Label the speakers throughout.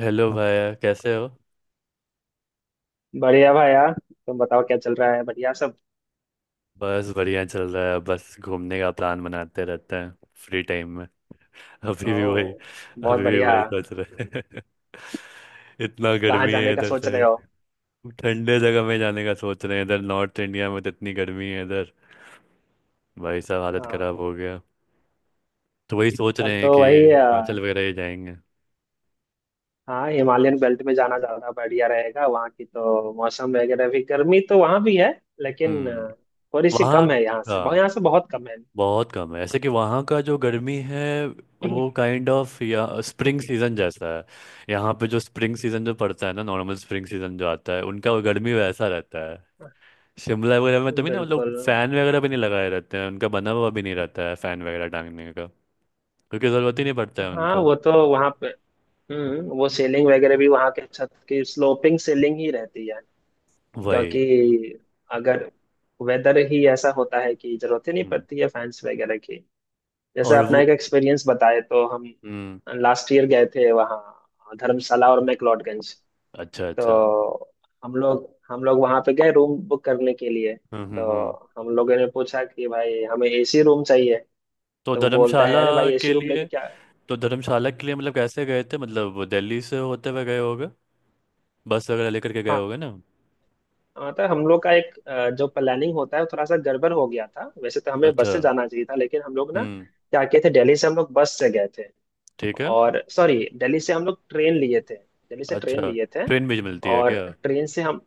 Speaker 1: Hello भैया, कैसे हो?
Speaker 2: बढ़िया भाई यार। तुम बताओ क्या चल रहा है? बढ़िया सब।
Speaker 1: बस बढ़िया चल रहा है, बस घूमने का प्लान बनाते रहते हैं फ्री टाइम में। अभी भी वही
Speaker 2: ओ, बहुत
Speaker 1: अभी भी
Speaker 2: बढ़िया।
Speaker 1: वही सोच रहे हैं। इतना
Speaker 2: कहाँ
Speaker 1: गर्मी है
Speaker 2: जाने का
Speaker 1: इधर
Speaker 2: सोच रहे
Speaker 1: साइड।
Speaker 2: हो?
Speaker 1: ठंडे जगह में जाने का सोच रहे हैं, इधर नॉर्थ इंडिया में तो इतनी गर्मी है इधर, भाई साहब हालत खराब
Speaker 2: हाँ,
Speaker 1: हो गया। तो वही सोच
Speaker 2: तब
Speaker 1: रहे हैं
Speaker 2: तो
Speaker 1: कि
Speaker 2: वही
Speaker 1: हिमाचल वगैरह ही जाएंगे।
Speaker 2: हाँ, हिमालयन बेल्ट में जाना ज्यादा बढ़िया रहेगा। वहाँ की तो मौसम वगैरह भी, गर्मी तो वहाँ भी है, लेकिन
Speaker 1: हम्म।
Speaker 2: थोड़ी सी
Speaker 1: वहाँ,
Speaker 2: कम है। यहाँ से बहुत
Speaker 1: हाँ,
Speaker 2: यहाँ से बहुत कम है।
Speaker 1: बहुत कम है, ऐसे कि वहाँ का जो गर्मी है वो काइंड ऑफ या स्प्रिंग सीजन जैसा है। यहाँ पे जो स्प्रिंग सीजन जो पड़ता है ना, नॉर्मल स्प्रिंग सीजन जो आता है उनका, वो गर्मी वैसा रहता है शिमला वगैरह में, तभी ना मतलब
Speaker 2: बिल्कुल।
Speaker 1: फैन वगैरह भी नहीं लगाए रहते हैं, उनका बना हुआ भी नहीं रहता है फैन वगैरह टांगने का, क्योंकि ज़रूरत ही नहीं पड़ता है
Speaker 2: हाँ,
Speaker 1: उनको।
Speaker 2: वो तो वहाँ पे। वो सेलिंग वगैरह भी वहाँ के छत की स्लोपिंग सेलिंग ही रहती है।
Speaker 1: वही।
Speaker 2: क्योंकि, अगर वेदर ही ऐसा होता है कि जरूरत ही नहीं
Speaker 1: हम्म।
Speaker 2: पड़ती है फैंस वगैरह की। जैसे
Speaker 1: और
Speaker 2: अपना
Speaker 1: वो,
Speaker 2: एक एक्सपीरियंस बताए, तो हम
Speaker 1: हम्म।
Speaker 2: लास्ट ईयर गए थे वहाँ, धर्मशाला और मैक्लोडगंज।
Speaker 1: अच्छा अच्छा।
Speaker 2: तो हम लोग वहाँ पे गए, रूम बुक करने के लिए।
Speaker 1: हम्म।
Speaker 2: तो हम लोगों ने पूछा कि, भाई हमें एसी रूम चाहिए।
Speaker 1: तो
Speaker 2: तो वो बोलता है,
Speaker 1: धर्मशाला
Speaker 2: अरे भाई एसी
Speaker 1: के
Speaker 2: रूम
Speaker 1: लिए
Speaker 2: लेके क्या।
Speaker 1: तो धर्मशाला के लिए मतलब कैसे गए थे? मतलब दिल्ली से होते हुए गए होगे, बस वगैरह लेकर के गए होगे ना?
Speaker 2: मतलब हम लोग का एक जो प्लानिंग होता है वो थोड़ा सा गड़बड़ हो गया था। वैसे तो हमें बस
Speaker 1: अच्छा।
Speaker 2: से जाना चाहिए था, लेकिन हम लोग ना
Speaker 1: हम्म।
Speaker 2: क्या किए थे, दिल्ली से हम लोग बस से गए थे।
Speaker 1: ठीक है।
Speaker 2: और सॉरी, दिल्ली से हम लोग ट्रेन लिए थे, दिल्ली से ट्रेन
Speaker 1: अच्छा,
Speaker 2: लिए थे।
Speaker 1: ट्रेन भी मिलती है
Speaker 2: और
Speaker 1: क्या?
Speaker 2: ट्रेन से हम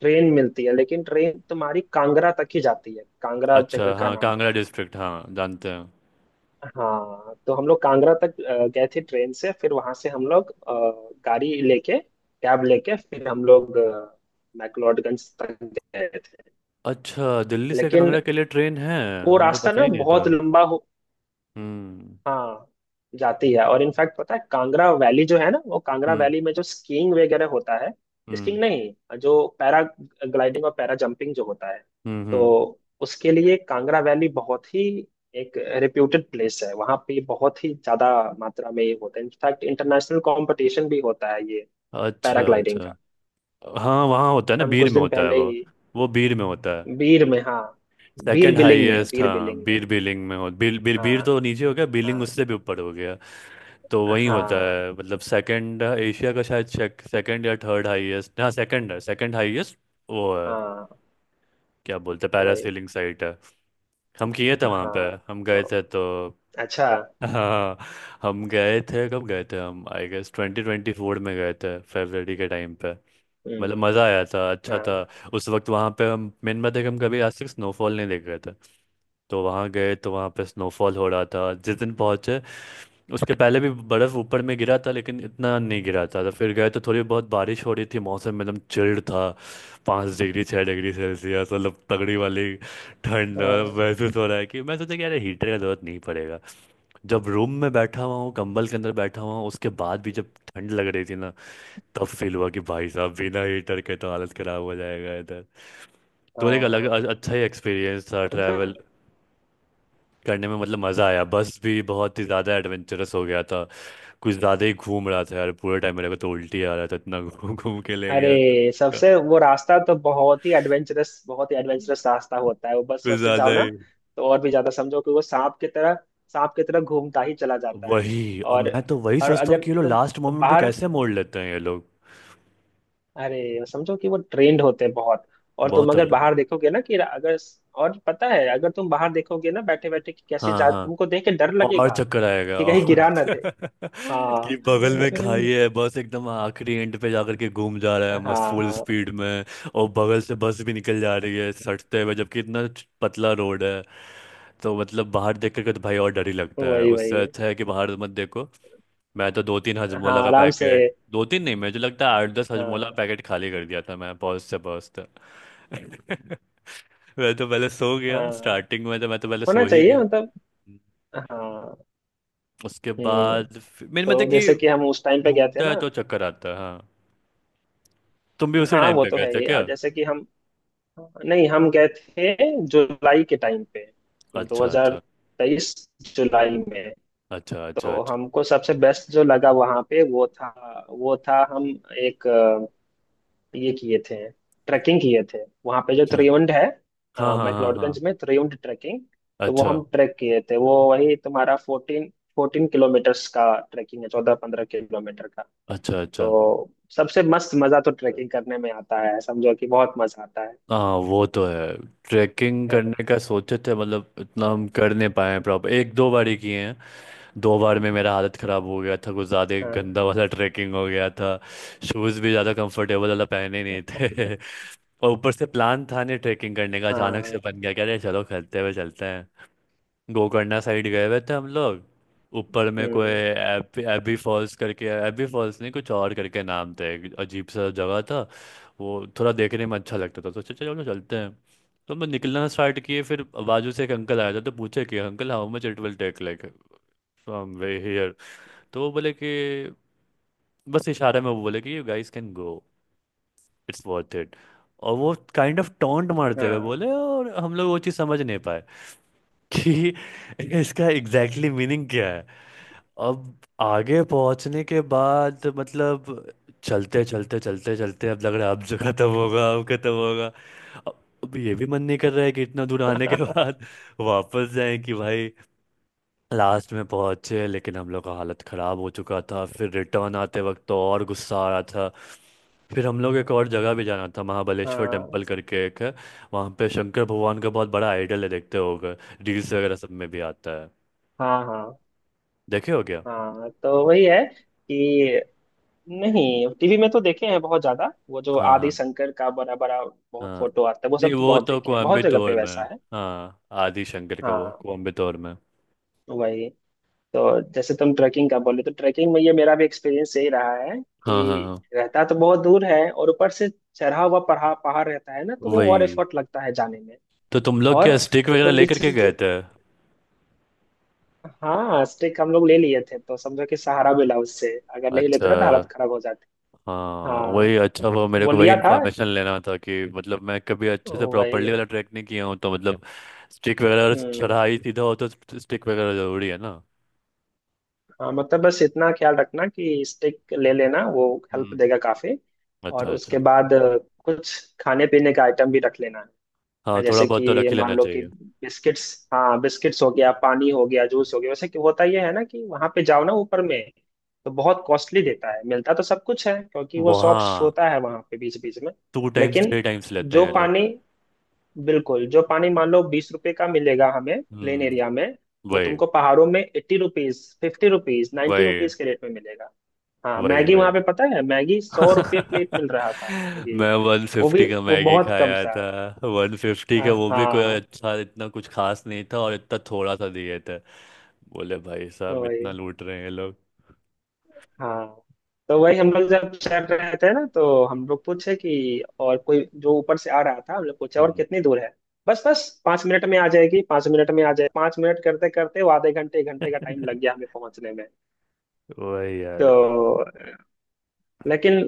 Speaker 2: ट्रेन मिलती है, लेकिन ट्रेन तुम्हारी कांगड़ा तक ही जाती है। कांगड़ा
Speaker 1: अच्छा,
Speaker 2: जगह का
Speaker 1: हाँ,
Speaker 2: नाम है।
Speaker 1: कांगड़ा डिस्ट्रिक्ट, हाँ, जानते हैं।
Speaker 2: हाँ, तो हम लोग कांगड़ा तक गए थे ट्रेन से, फिर वहां से हम लोग अ, गाड़ी लेके कैब लेके फिर हम लोग मैक्लोडगंज तक गए थे।
Speaker 1: अच्छा, दिल्ली से
Speaker 2: लेकिन
Speaker 1: कांगड़ा के लिए ट्रेन है,
Speaker 2: वो
Speaker 1: हमको
Speaker 2: रास्ता
Speaker 1: पता
Speaker 2: ना
Speaker 1: ही नहीं
Speaker 2: बहुत
Speaker 1: था।
Speaker 2: लंबा हो।
Speaker 1: हम्म
Speaker 2: हाँ, जाती है। और इनफैक्ट पता है, कांगड़ा वैली जो है ना, वो कांगड़ा
Speaker 1: हम्म
Speaker 2: वैली में जो स्कीइंग वगैरह होता है।
Speaker 1: हम्म।
Speaker 2: स्कीइंग नहीं, जो पैरा ग्लाइडिंग और पैरा जंपिंग जो होता है, तो
Speaker 1: हम्म।
Speaker 2: उसके लिए कांगड़ा वैली बहुत ही एक रिप्यूटेड प्लेस है। वहाँ पे बहुत ही ज्यादा मात्रा में ये होता है। इनफैक्ट इंटरनेशनल कंपटीशन भी होता है ये,
Speaker 1: अच्छा
Speaker 2: पैराग्लाइडिंग
Speaker 1: अच्छा।
Speaker 2: का।
Speaker 1: हाँ, वहाँ होता है ना,
Speaker 2: हम
Speaker 1: बीर
Speaker 2: कुछ
Speaker 1: में
Speaker 2: दिन
Speaker 1: होता है
Speaker 2: पहले
Speaker 1: वो
Speaker 2: ही।
Speaker 1: वो बीर में होता है।
Speaker 2: बीर में, हाँ। बीर
Speaker 1: सेकंड
Speaker 2: बिलिंग में।
Speaker 1: हाईएस्ट,
Speaker 2: बीर
Speaker 1: हाँ,
Speaker 2: बिलिंग में।
Speaker 1: बीर बिलिंग में हो, बीर बीर बीर
Speaker 2: हाँ,
Speaker 1: तो नीचे हो गया, बिलिंग
Speaker 2: हाँ,
Speaker 1: उससे भी ऊपर हो गया। तो वही होता
Speaker 2: हाँ,
Speaker 1: है, मतलब सेकंड एशिया का शायद, सेकंड या थर्ड हाईएस्ट, हाँ, सेकंड है, सेकंड हाईएस्ट वो है।
Speaker 2: हाँ।
Speaker 1: क्या बोलते हैं,
Speaker 2: वही।
Speaker 1: पैरासेलिंग साइट है, हम किए थे वहाँ पे।
Speaker 2: हाँ।
Speaker 1: हम गए
Speaker 2: तो
Speaker 1: थे तो,
Speaker 2: अच्छा।
Speaker 1: हाँ, हम गए थे, कब गए थे, हम आई गेस 2024 में गए थे फरवरी के टाइम पे।
Speaker 2: हम्म।
Speaker 1: मतलब मज़ा आया था, अच्छा था।
Speaker 2: हाँ,
Speaker 1: उस वक्त वहाँ पे हम, मेन बात है कि हम कभी आज तक स्नोफॉल नहीं देख रहे थे, तो वहाँ गए तो वहाँ पे स्नोफॉल हो रहा था जिस दिन पहुँचे। उसके पहले भी बर्फ़ ऊपर में गिरा था लेकिन इतना नहीं गिरा था, तो फिर गए तो थोड़ी बहुत बारिश हो रही थी, मौसम एकदम चिल्ड था। 5 डिग्री 6 डिग्री सेल्सियस, मतलब तगड़ी वाली ठंड
Speaker 2: हाँ,
Speaker 1: महसूस हो रहा है कि, मैं सोचा कि अरे हीटर का जरूरत नहीं पड़ेगा। जब रूम में बैठा हुआ हूँ, कंबल के अंदर बैठा हुआ हूँ, उसके बाद भी जब ठंड लग रही थी ना, तब फील हुआ कि भाई साहब बिना हीटर के तो हालत खराब हो जाएगा इधर। तो एक अलग
Speaker 2: हाँ।
Speaker 1: अच्छा ही एक्सपीरियंस था ट्रैवल
Speaker 2: मतलब।
Speaker 1: करने में, मतलब मज़ा आया। बस भी बहुत ही ज़्यादा एडवेंचरस हो गया था, कुछ ज़्यादा ही घूम रहा था यार पूरे टाइम, मेरे को तो उल्टी आ रहा था इतना घूम घूम के ले गया था,
Speaker 2: अरे, सबसे वो रास्ता तो बहुत ही एडवेंचरस, बहुत ही एडवेंचरस रास्ता होता है वो। बस,
Speaker 1: कुछ
Speaker 2: बस से
Speaker 1: ज़्यादा
Speaker 2: जाओ ना,
Speaker 1: ही।
Speaker 2: तो और भी ज्यादा। समझो कि वो सांप की तरह, सांप की तरह घूमता ही चला जाता है।
Speaker 1: वही, और
Speaker 2: और
Speaker 1: मैं तो वही
Speaker 2: और
Speaker 1: सोचता हूँ
Speaker 2: अगर
Speaker 1: कि ये लोग
Speaker 2: तुम
Speaker 1: लास्ट मोमेंट पे
Speaker 2: बाहर
Speaker 1: कैसे मोड़ लेते हैं ये लोग,
Speaker 2: अरे समझो कि वो ट्रेंड होते हैं बहुत। और तुम
Speaker 1: बहुत
Speaker 2: अगर
Speaker 1: तगड़ा।
Speaker 2: बाहर देखोगे ना कि, अगर, और पता है, अगर तुम बाहर देखोगे ना बैठे बैठे, कि कैसे
Speaker 1: हाँ
Speaker 2: जा,
Speaker 1: हाँ।
Speaker 2: तुमको देख के डर
Speaker 1: और
Speaker 2: लगेगा,
Speaker 1: चक्कर आएगा,
Speaker 2: कि कहीं
Speaker 1: और
Speaker 2: गिरा ना दे।
Speaker 1: कि
Speaker 2: हाँ,
Speaker 1: बगल में खाई है, बस एकदम आखिरी एंड पे जाकर के घूम जा रहा है मस्त फुल
Speaker 2: हाँ।
Speaker 1: स्पीड में, और बगल से बस भी निकल जा रही है सटते हुए, जबकि इतना पतला रोड है, तो मतलब बाहर देख करके तो भाई और डर ही लगता है,
Speaker 2: वही,
Speaker 1: उससे
Speaker 2: वही।
Speaker 1: अच्छा है कि बाहर मत देखो। मैं तो दो तीन हजमोला
Speaker 2: हाँ,
Speaker 1: का
Speaker 2: आराम से।
Speaker 1: पैकेट, दो तीन नहीं मुझे लगता है आठ दस हजमोला
Speaker 2: हाँ।
Speaker 1: पैकेट खाली कर दिया था मैं पहुँचते पहुँचते। मैं तो पहले सो गया
Speaker 2: हाँ,
Speaker 1: स्टार्टिंग में, तो मैं तो पहले
Speaker 2: होना
Speaker 1: सो ही
Speaker 2: चाहिए
Speaker 1: गया।
Speaker 2: मतलब। हाँ।
Speaker 1: उसके
Speaker 2: हम्म
Speaker 1: बाद मेन
Speaker 2: तो
Speaker 1: मतलब कि
Speaker 2: जैसे कि हम उस टाइम पे गए थे
Speaker 1: घूमता
Speaker 2: ना।
Speaker 1: है तो चक्कर आता है, हाँ। तुम भी उसी
Speaker 2: हाँ,
Speaker 1: टाइम
Speaker 2: वो
Speaker 1: पे
Speaker 2: तो
Speaker 1: गए
Speaker 2: है
Speaker 1: थे
Speaker 2: ही।
Speaker 1: क्या?
Speaker 2: और जैसे कि हम, नहीं, हम गए थे जुलाई के टाइम पे,
Speaker 1: अच्छा अच्छा
Speaker 2: 2023 जुलाई में।
Speaker 1: अच्छा। अच्छा
Speaker 2: तो
Speaker 1: अच्छा
Speaker 2: हमको सबसे बेस्ट जो लगा वहाँ पे, वो था हम एक ये किए थे, ट्रैकिंग किए थे, वहां पे जो
Speaker 1: अच्छा।
Speaker 2: त्रियुंड है।
Speaker 1: हाँ हाँ हाँ
Speaker 2: मैक्लोडगंज
Speaker 1: हाँ।
Speaker 2: में त्रियुंड ट्रैकिंग। तो वो
Speaker 1: अच्छा
Speaker 2: हम ट्रैक किए थे, वो वही तुम्हारा फोर्टीन फोर्टीन किलोमीटर्स का ट्रैकिंग है, 14-15 किलोमीटर का।
Speaker 1: अच्छा
Speaker 2: तो
Speaker 1: अच्छा।
Speaker 2: सबसे मस्त मजा तो ट्रैकिंग करने में आता है, समझो कि बहुत मजा आता है।
Speaker 1: हाँ, वो तो है। ट्रैकिंग
Speaker 2: है ना?
Speaker 1: करने का सोचे थे, मतलब इतना हम कर नहीं पाए हैं प्रॉपर, एक दो बार ही किए हैं। दो बार में मेरा हालत ख़राब हो गया था, कुछ ज़्यादा ही
Speaker 2: हाँ,
Speaker 1: गंदा वाला ट्रैकिंग हो गया था। शूज़ भी ज़्यादा कंफर्टेबल वाला पहने नहीं थे और ऊपर से प्लान था नहीं ट्रैकिंग करने का, अचानक से
Speaker 2: हाँ।
Speaker 1: बन गया, कह रहे चलो खरीदते हुए चलते। गोकर्णा साइड गए हुए थे हम लोग। ऊपर में कोई
Speaker 2: हम्म,
Speaker 1: एबी एबी फॉल्स करके, एबी फॉल्स नहीं, कुछ और करके नाम थे, एक अजीब सा जगह था। वो थोड़ा देखने में अच्छा लगता था, तो सोचा चलो चलते हैं। तो हम निकलना स्टार्ट किए, फिर बाजू से एक अंकल आया था, तो पूछे कि uncle, how much it will take like from way here. तो वो बोले कि, बस इशारे में वो बोले कि you guys can go, it's worth it. और वो काइंड ऑफ टोंट मारते हुए
Speaker 2: हाँ।
Speaker 1: बोले, और हम लोग वो चीज़ समझ नहीं पाए कि इसका एग्जैक्टली मीनिंग क्या है। अब आगे पहुंचने के बाद, मतलब चलते चलते चलते चलते अब लग रहा है अब जो खत्म होगा अब खत्म होगा, अब अब ये भी मन नहीं कर रहा है कि इतना दूर आने के बाद वापस जाएं कि भाई। लास्ट में पहुंचे लेकिन हम लोग का हालत खराब हो चुका था, फिर रिटर्न आते वक्त तो और गुस्सा आ रहा था। फिर हम लोग एक और जगह भी जाना था, महाबलेश्वर
Speaker 2: हाँ,
Speaker 1: टेम्पल करके एक है, वहाँ पे शंकर भगवान का बहुत बड़ा आइडल है देखते होगे, रील्स वगैरह सब में भी आता है,
Speaker 2: हाँ,
Speaker 1: देखे हो क्या?
Speaker 2: हाँ, हाँ। तो वही है कि, नहीं, टीवी में तो देखे हैं बहुत ज्यादा। वो जो
Speaker 1: हाँ
Speaker 2: आदि
Speaker 1: हाँ
Speaker 2: शंकर का बड़ा बड़ा बहुत
Speaker 1: हाँ।
Speaker 2: फोटो आता है, वो
Speaker 1: नहीं,
Speaker 2: सब तो
Speaker 1: वो
Speaker 2: बहुत
Speaker 1: तो
Speaker 2: देखे हैं, बहुत जगह
Speaker 1: कोयम्बटूर
Speaker 2: पे
Speaker 1: में है।
Speaker 2: वैसा है।
Speaker 1: हाँ, आदि शंकर का वो
Speaker 2: हाँ।
Speaker 1: कोयम्बटूर में।
Speaker 2: वही। तो जैसे तुम ट्रैकिंग का बोले, तो ट्रैकिंग में ये मेरा भी एक्सपीरियंस यही रहा है
Speaker 1: हाँ हाँ
Speaker 2: कि,
Speaker 1: हाँ,
Speaker 2: रहता तो बहुत दूर है, और ऊपर से चढ़ा हुआ पहाड़, पहाड़ रहता है ना, तो वो और
Speaker 1: वही।
Speaker 2: एफर्ट लगता है जाने में।
Speaker 1: तो तुम लोग
Speaker 2: और
Speaker 1: क्या स्टिक वगैरह
Speaker 2: तुम
Speaker 1: लेकर के
Speaker 2: किसी
Speaker 1: गए
Speaker 2: से-
Speaker 1: थे?
Speaker 2: हाँ, स्टिक हम लोग ले लिए थे, तो समझो कि सहारा मिला उससे। अगर नहीं लेते
Speaker 1: अच्छा,
Speaker 2: ना, तो हालत खराब हो जाती।
Speaker 1: हाँ,
Speaker 2: हाँ,
Speaker 1: वही। अच्छा, वो मेरे
Speaker 2: वो
Speaker 1: को वही
Speaker 2: लिया था।
Speaker 1: इन्फॉर्मेशन लेना था कि मतलब मैं कभी अच्छे से प्रॉपरली
Speaker 2: वही।
Speaker 1: वाला ट्रैक नहीं किया हूँ, तो मतलब स्टिक वगैरह अगर
Speaker 2: हम्म।
Speaker 1: चढ़ाई सीधा हो तो स्टिक वगैरह जरूरी है ना।
Speaker 2: हाँ, मतलब बस इतना ख्याल रखना कि स्टिक ले लेना, वो हेल्प
Speaker 1: हम्म।
Speaker 2: देगा काफी। और
Speaker 1: अच्छा
Speaker 2: उसके
Speaker 1: अच्छा।
Speaker 2: बाद कुछ खाने पीने का आइटम भी रख लेना
Speaker 1: हाँ,
Speaker 2: है।
Speaker 1: थोड़ा
Speaker 2: जैसे
Speaker 1: बहुत तो
Speaker 2: कि
Speaker 1: रख ही
Speaker 2: मान
Speaker 1: लेना
Speaker 2: लो कि,
Speaker 1: चाहिए।
Speaker 2: बिस्किट्स। हाँ, बिस्किट्स हो गया, पानी हो गया, जूस हो गया। वैसे कि होता यह है ना, कि वहां पे जाओ ना ऊपर में, तो बहुत कॉस्टली देता है। मिलता तो सब कुछ है, क्योंकि वो शॉप्स
Speaker 1: वहाँ
Speaker 2: होता है वहां पे, बीच बीच में।
Speaker 1: 2 टाइम्स
Speaker 2: लेकिन
Speaker 1: 3 टाइम्स लेते
Speaker 2: जो
Speaker 1: हैं ये लोग।
Speaker 2: पानी, बिल्कुल, जो पानी मान लो 20 रुपए का मिलेगा हमें प्लेन
Speaker 1: हम्म।
Speaker 2: एरिया में, वो
Speaker 1: वही
Speaker 2: तुमको पहाड़ों में 80 रुपीज, 50 रुपीज, नाइन्टी
Speaker 1: वही।
Speaker 2: रुपीज के रेट में मिलेगा। हाँ,
Speaker 1: वही
Speaker 2: मैगी वहां
Speaker 1: वही।
Speaker 2: पे, पता है, मैगी 100 रुपये प्लेट मिल रहा था मैगी।
Speaker 1: मैं वन
Speaker 2: वो भी
Speaker 1: फिफ्टी का
Speaker 2: वो
Speaker 1: मैगी
Speaker 2: बहुत कम
Speaker 1: खाया
Speaker 2: सा।
Speaker 1: था। 150
Speaker 2: हाँ,
Speaker 1: का, वो भी कोई
Speaker 2: हाँ।
Speaker 1: अच्छा इतना कुछ खास नहीं था और इतना थोड़ा सा दिए, बोले भाई
Speaker 2: तो
Speaker 1: साहब
Speaker 2: वही।
Speaker 1: इतना लूट रहे हैं ये लोग।
Speaker 2: हाँ। तो वही हम लोग जब चल रहे थे ना, तो हम लोग पूछे कि, और कोई जो ऊपर से आ रहा था, हम लोग पूछे, और
Speaker 1: हम्म।
Speaker 2: कितनी दूर है। बस, बस 5 मिनट में आ जाएगी, 5 मिनट में आ जाए, 5 मिनट करते करते वो आधे घंटे, 1 घंटे का टाइम लग गया हमें पहुंचने में।
Speaker 1: वही
Speaker 2: तो,
Speaker 1: यार।
Speaker 2: लेकिन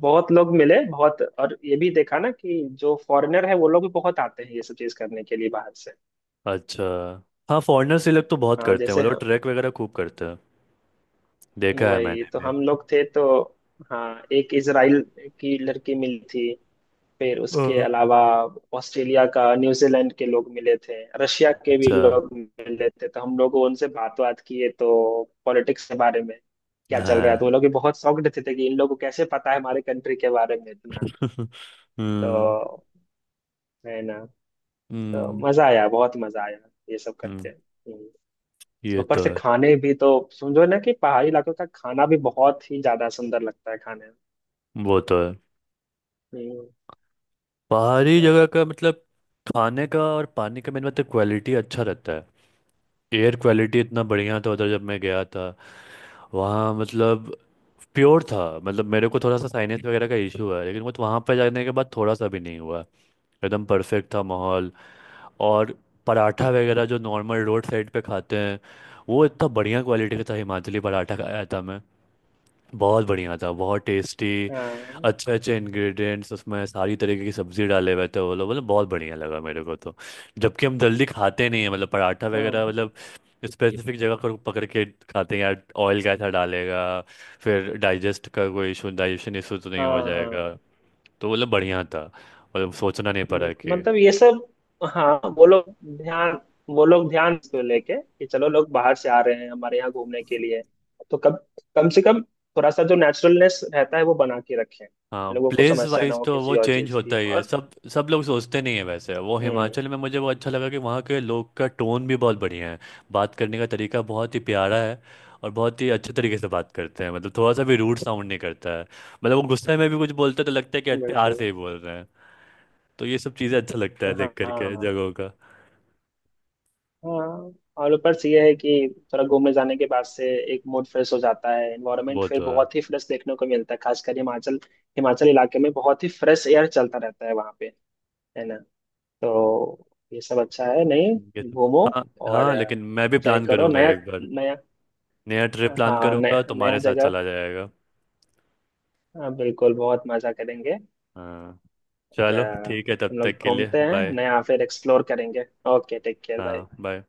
Speaker 2: बहुत लोग मिले, बहुत। और ये भी देखा ना कि, जो फॉरेनर है वो लोग भी बहुत आते हैं ये सब चीज करने के लिए बाहर से।
Speaker 1: अच्छा, हाँ, फॉरेनर्स, ये लोग तो बहुत
Speaker 2: हाँ,
Speaker 1: करते हैं, वो
Speaker 2: जैसे,
Speaker 1: लोग
Speaker 2: हाँ,
Speaker 1: ट्रैक वगैरह खूब करते हैं, देखा है
Speaker 2: वही
Speaker 1: मैंने
Speaker 2: तो।
Speaker 1: भी।
Speaker 2: हम लोग थे, तो हाँ, एक इजराइल की लड़की मिली थी। फिर उसके
Speaker 1: अ,
Speaker 2: अलावा ऑस्ट्रेलिया का, न्यूजीलैंड के लोग मिले थे। रशिया के भी
Speaker 1: अच्छा।
Speaker 2: लोग मिले थे, तो हम लोग उनसे बात बात किए, तो पॉलिटिक्स के बारे में क्या चल रहा है।
Speaker 1: हाँ।
Speaker 2: तो वो लोग भी बहुत शॉक्ड थे कि, इन लोगों को कैसे पता है हमारे कंट्री के बारे में इतना।
Speaker 1: हम्म
Speaker 2: तो, है ना। तो
Speaker 1: हम्म
Speaker 2: मजा आया, बहुत मजा आया ये सब
Speaker 1: हम्म,
Speaker 2: करके। हम्म।
Speaker 1: ये
Speaker 2: ऊपर
Speaker 1: तो
Speaker 2: से
Speaker 1: है।
Speaker 2: खाने भी तो समझो ना, कि पहाड़ी इलाकों का खाना भी बहुत ही ज्यादा सुंदर लगता है खाने में।
Speaker 1: वो तो है,
Speaker 2: हम्म।
Speaker 1: पहाड़ी जगह का मतलब खाने का और पानी का, मेन मतलब क्वालिटी अच्छा रहता है। एयर क्वालिटी इतना बढ़िया था उधर जब मैं गया था, वहाँ मतलब प्योर था, मतलब मेरे को थोड़ा सा साइनस वगैरह का इशू है लेकिन मुझे वहाँ पर जाने के बाद थोड़ा सा भी नहीं हुआ, एकदम परफेक्ट था माहौल। और पराठा वगैरह जो नॉर्मल रोड साइड पे खाते हैं, वो इतना बढ़िया क्वालिटी का था, हिमाचली पराठा खाया था मैं, बहुत बढ़िया था, बहुत टेस्टी,
Speaker 2: हाँ,
Speaker 1: अच्छे अच्छे इंग्रेडिएंट्स उसमें, सारी तरीके की सब्जी डाले हुए थे वो लोग, मतलब बहुत बढ़िया लगा मेरे को तो। जबकि हम जल्दी खाते नहीं है, मतलब पराठा वगैरह
Speaker 2: हाँ,
Speaker 1: मतलब स्पेसिफिक जगह को पकड़ के खाते हैं यार, ऑयल कैसा डालेगा, फिर डाइजेस्ट का कोई इशू, डाइजेशन इशू तो नहीं हो
Speaker 2: हाँ,
Speaker 1: जाएगा।
Speaker 2: हाँ।
Speaker 1: तो मतलब बढ़िया था, मतलब सोचना नहीं पड़ा
Speaker 2: बिल्कुल।
Speaker 1: कि।
Speaker 2: मतलब ये सब, हाँ, ध्यान वो लोग ध्यान को लेके कि, चलो लोग बाहर से आ रहे हैं हमारे यहाँ घूमने के लिए, तो कम कम से कम थोड़ा सा जो नेचुरलनेस रहता है वो बना के रखें,
Speaker 1: हाँ,
Speaker 2: लोगों को
Speaker 1: प्लेस
Speaker 2: समस्या ना
Speaker 1: वाइज
Speaker 2: हो
Speaker 1: तो वो
Speaker 2: किसी और
Speaker 1: चेंज
Speaker 2: चीज की।
Speaker 1: होता ही है,
Speaker 2: और
Speaker 1: सब सब लोग सोचते नहीं है वैसे। वो
Speaker 2: हम्म,
Speaker 1: हिमाचल में मुझे वो अच्छा लगा कि वहाँ के लोग का टोन भी बहुत बढ़िया है, बात करने का तरीका बहुत ही प्यारा है, और बहुत ही अच्छे तरीके से बात करते हैं, मतलब थोड़ा सा भी रूड साउंड नहीं करता है, मतलब वो गुस्से में भी कुछ बोलते हैं तो लगता है कि प्यार से
Speaker 2: बिल्कुल।
Speaker 1: ही बोल रहे हैं। तो ये सब चीज़ें अच्छा लगता है
Speaker 2: हाँ,
Speaker 1: देख
Speaker 2: हाँ,
Speaker 1: करके
Speaker 2: हाँ।
Speaker 1: जगहों का।
Speaker 2: हाँ। और ऊपर से ये है कि, थोड़ा घूमने जाने के बाद से एक मूड फ्रेश हो जाता है, एनवायरनमेंट
Speaker 1: वो
Speaker 2: फिर
Speaker 1: तो है।
Speaker 2: बहुत ही फ्रेश देखने को मिलता है, खासकर हिमाचल। हिमाचल इलाके में बहुत ही फ्रेश एयर चलता रहता है वहाँ पे। है ना? तो ये सब अच्छा है। नहीं,
Speaker 1: ये सब,
Speaker 2: घूमो,
Speaker 1: हाँ,
Speaker 2: और
Speaker 1: हाँ, लेकिन मैं भी
Speaker 2: ट्राई
Speaker 1: प्लान
Speaker 2: करो
Speaker 1: करूँगा
Speaker 2: नया,
Speaker 1: एक बार
Speaker 2: नया।
Speaker 1: नया ट्रिप प्लान
Speaker 2: हाँ, नया,
Speaker 1: करूँगा
Speaker 2: नया
Speaker 1: तुम्हारे साथ
Speaker 2: जगह।
Speaker 1: चला जाएगा।
Speaker 2: हाँ, बिल्कुल, बहुत मजा करेंगे।
Speaker 1: हाँ,
Speaker 2: और,
Speaker 1: चलो ठीक है, तब
Speaker 2: हम लोग
Speaker 1: तक के लिए
Speaker 2: घूमते हैं
Speaker 1: बाय।
Speaker 2: नया, फिर एक्सप्लोर करेंगे। ओके, टेक केयर भाई।
Speaker 1: हाँ बाय।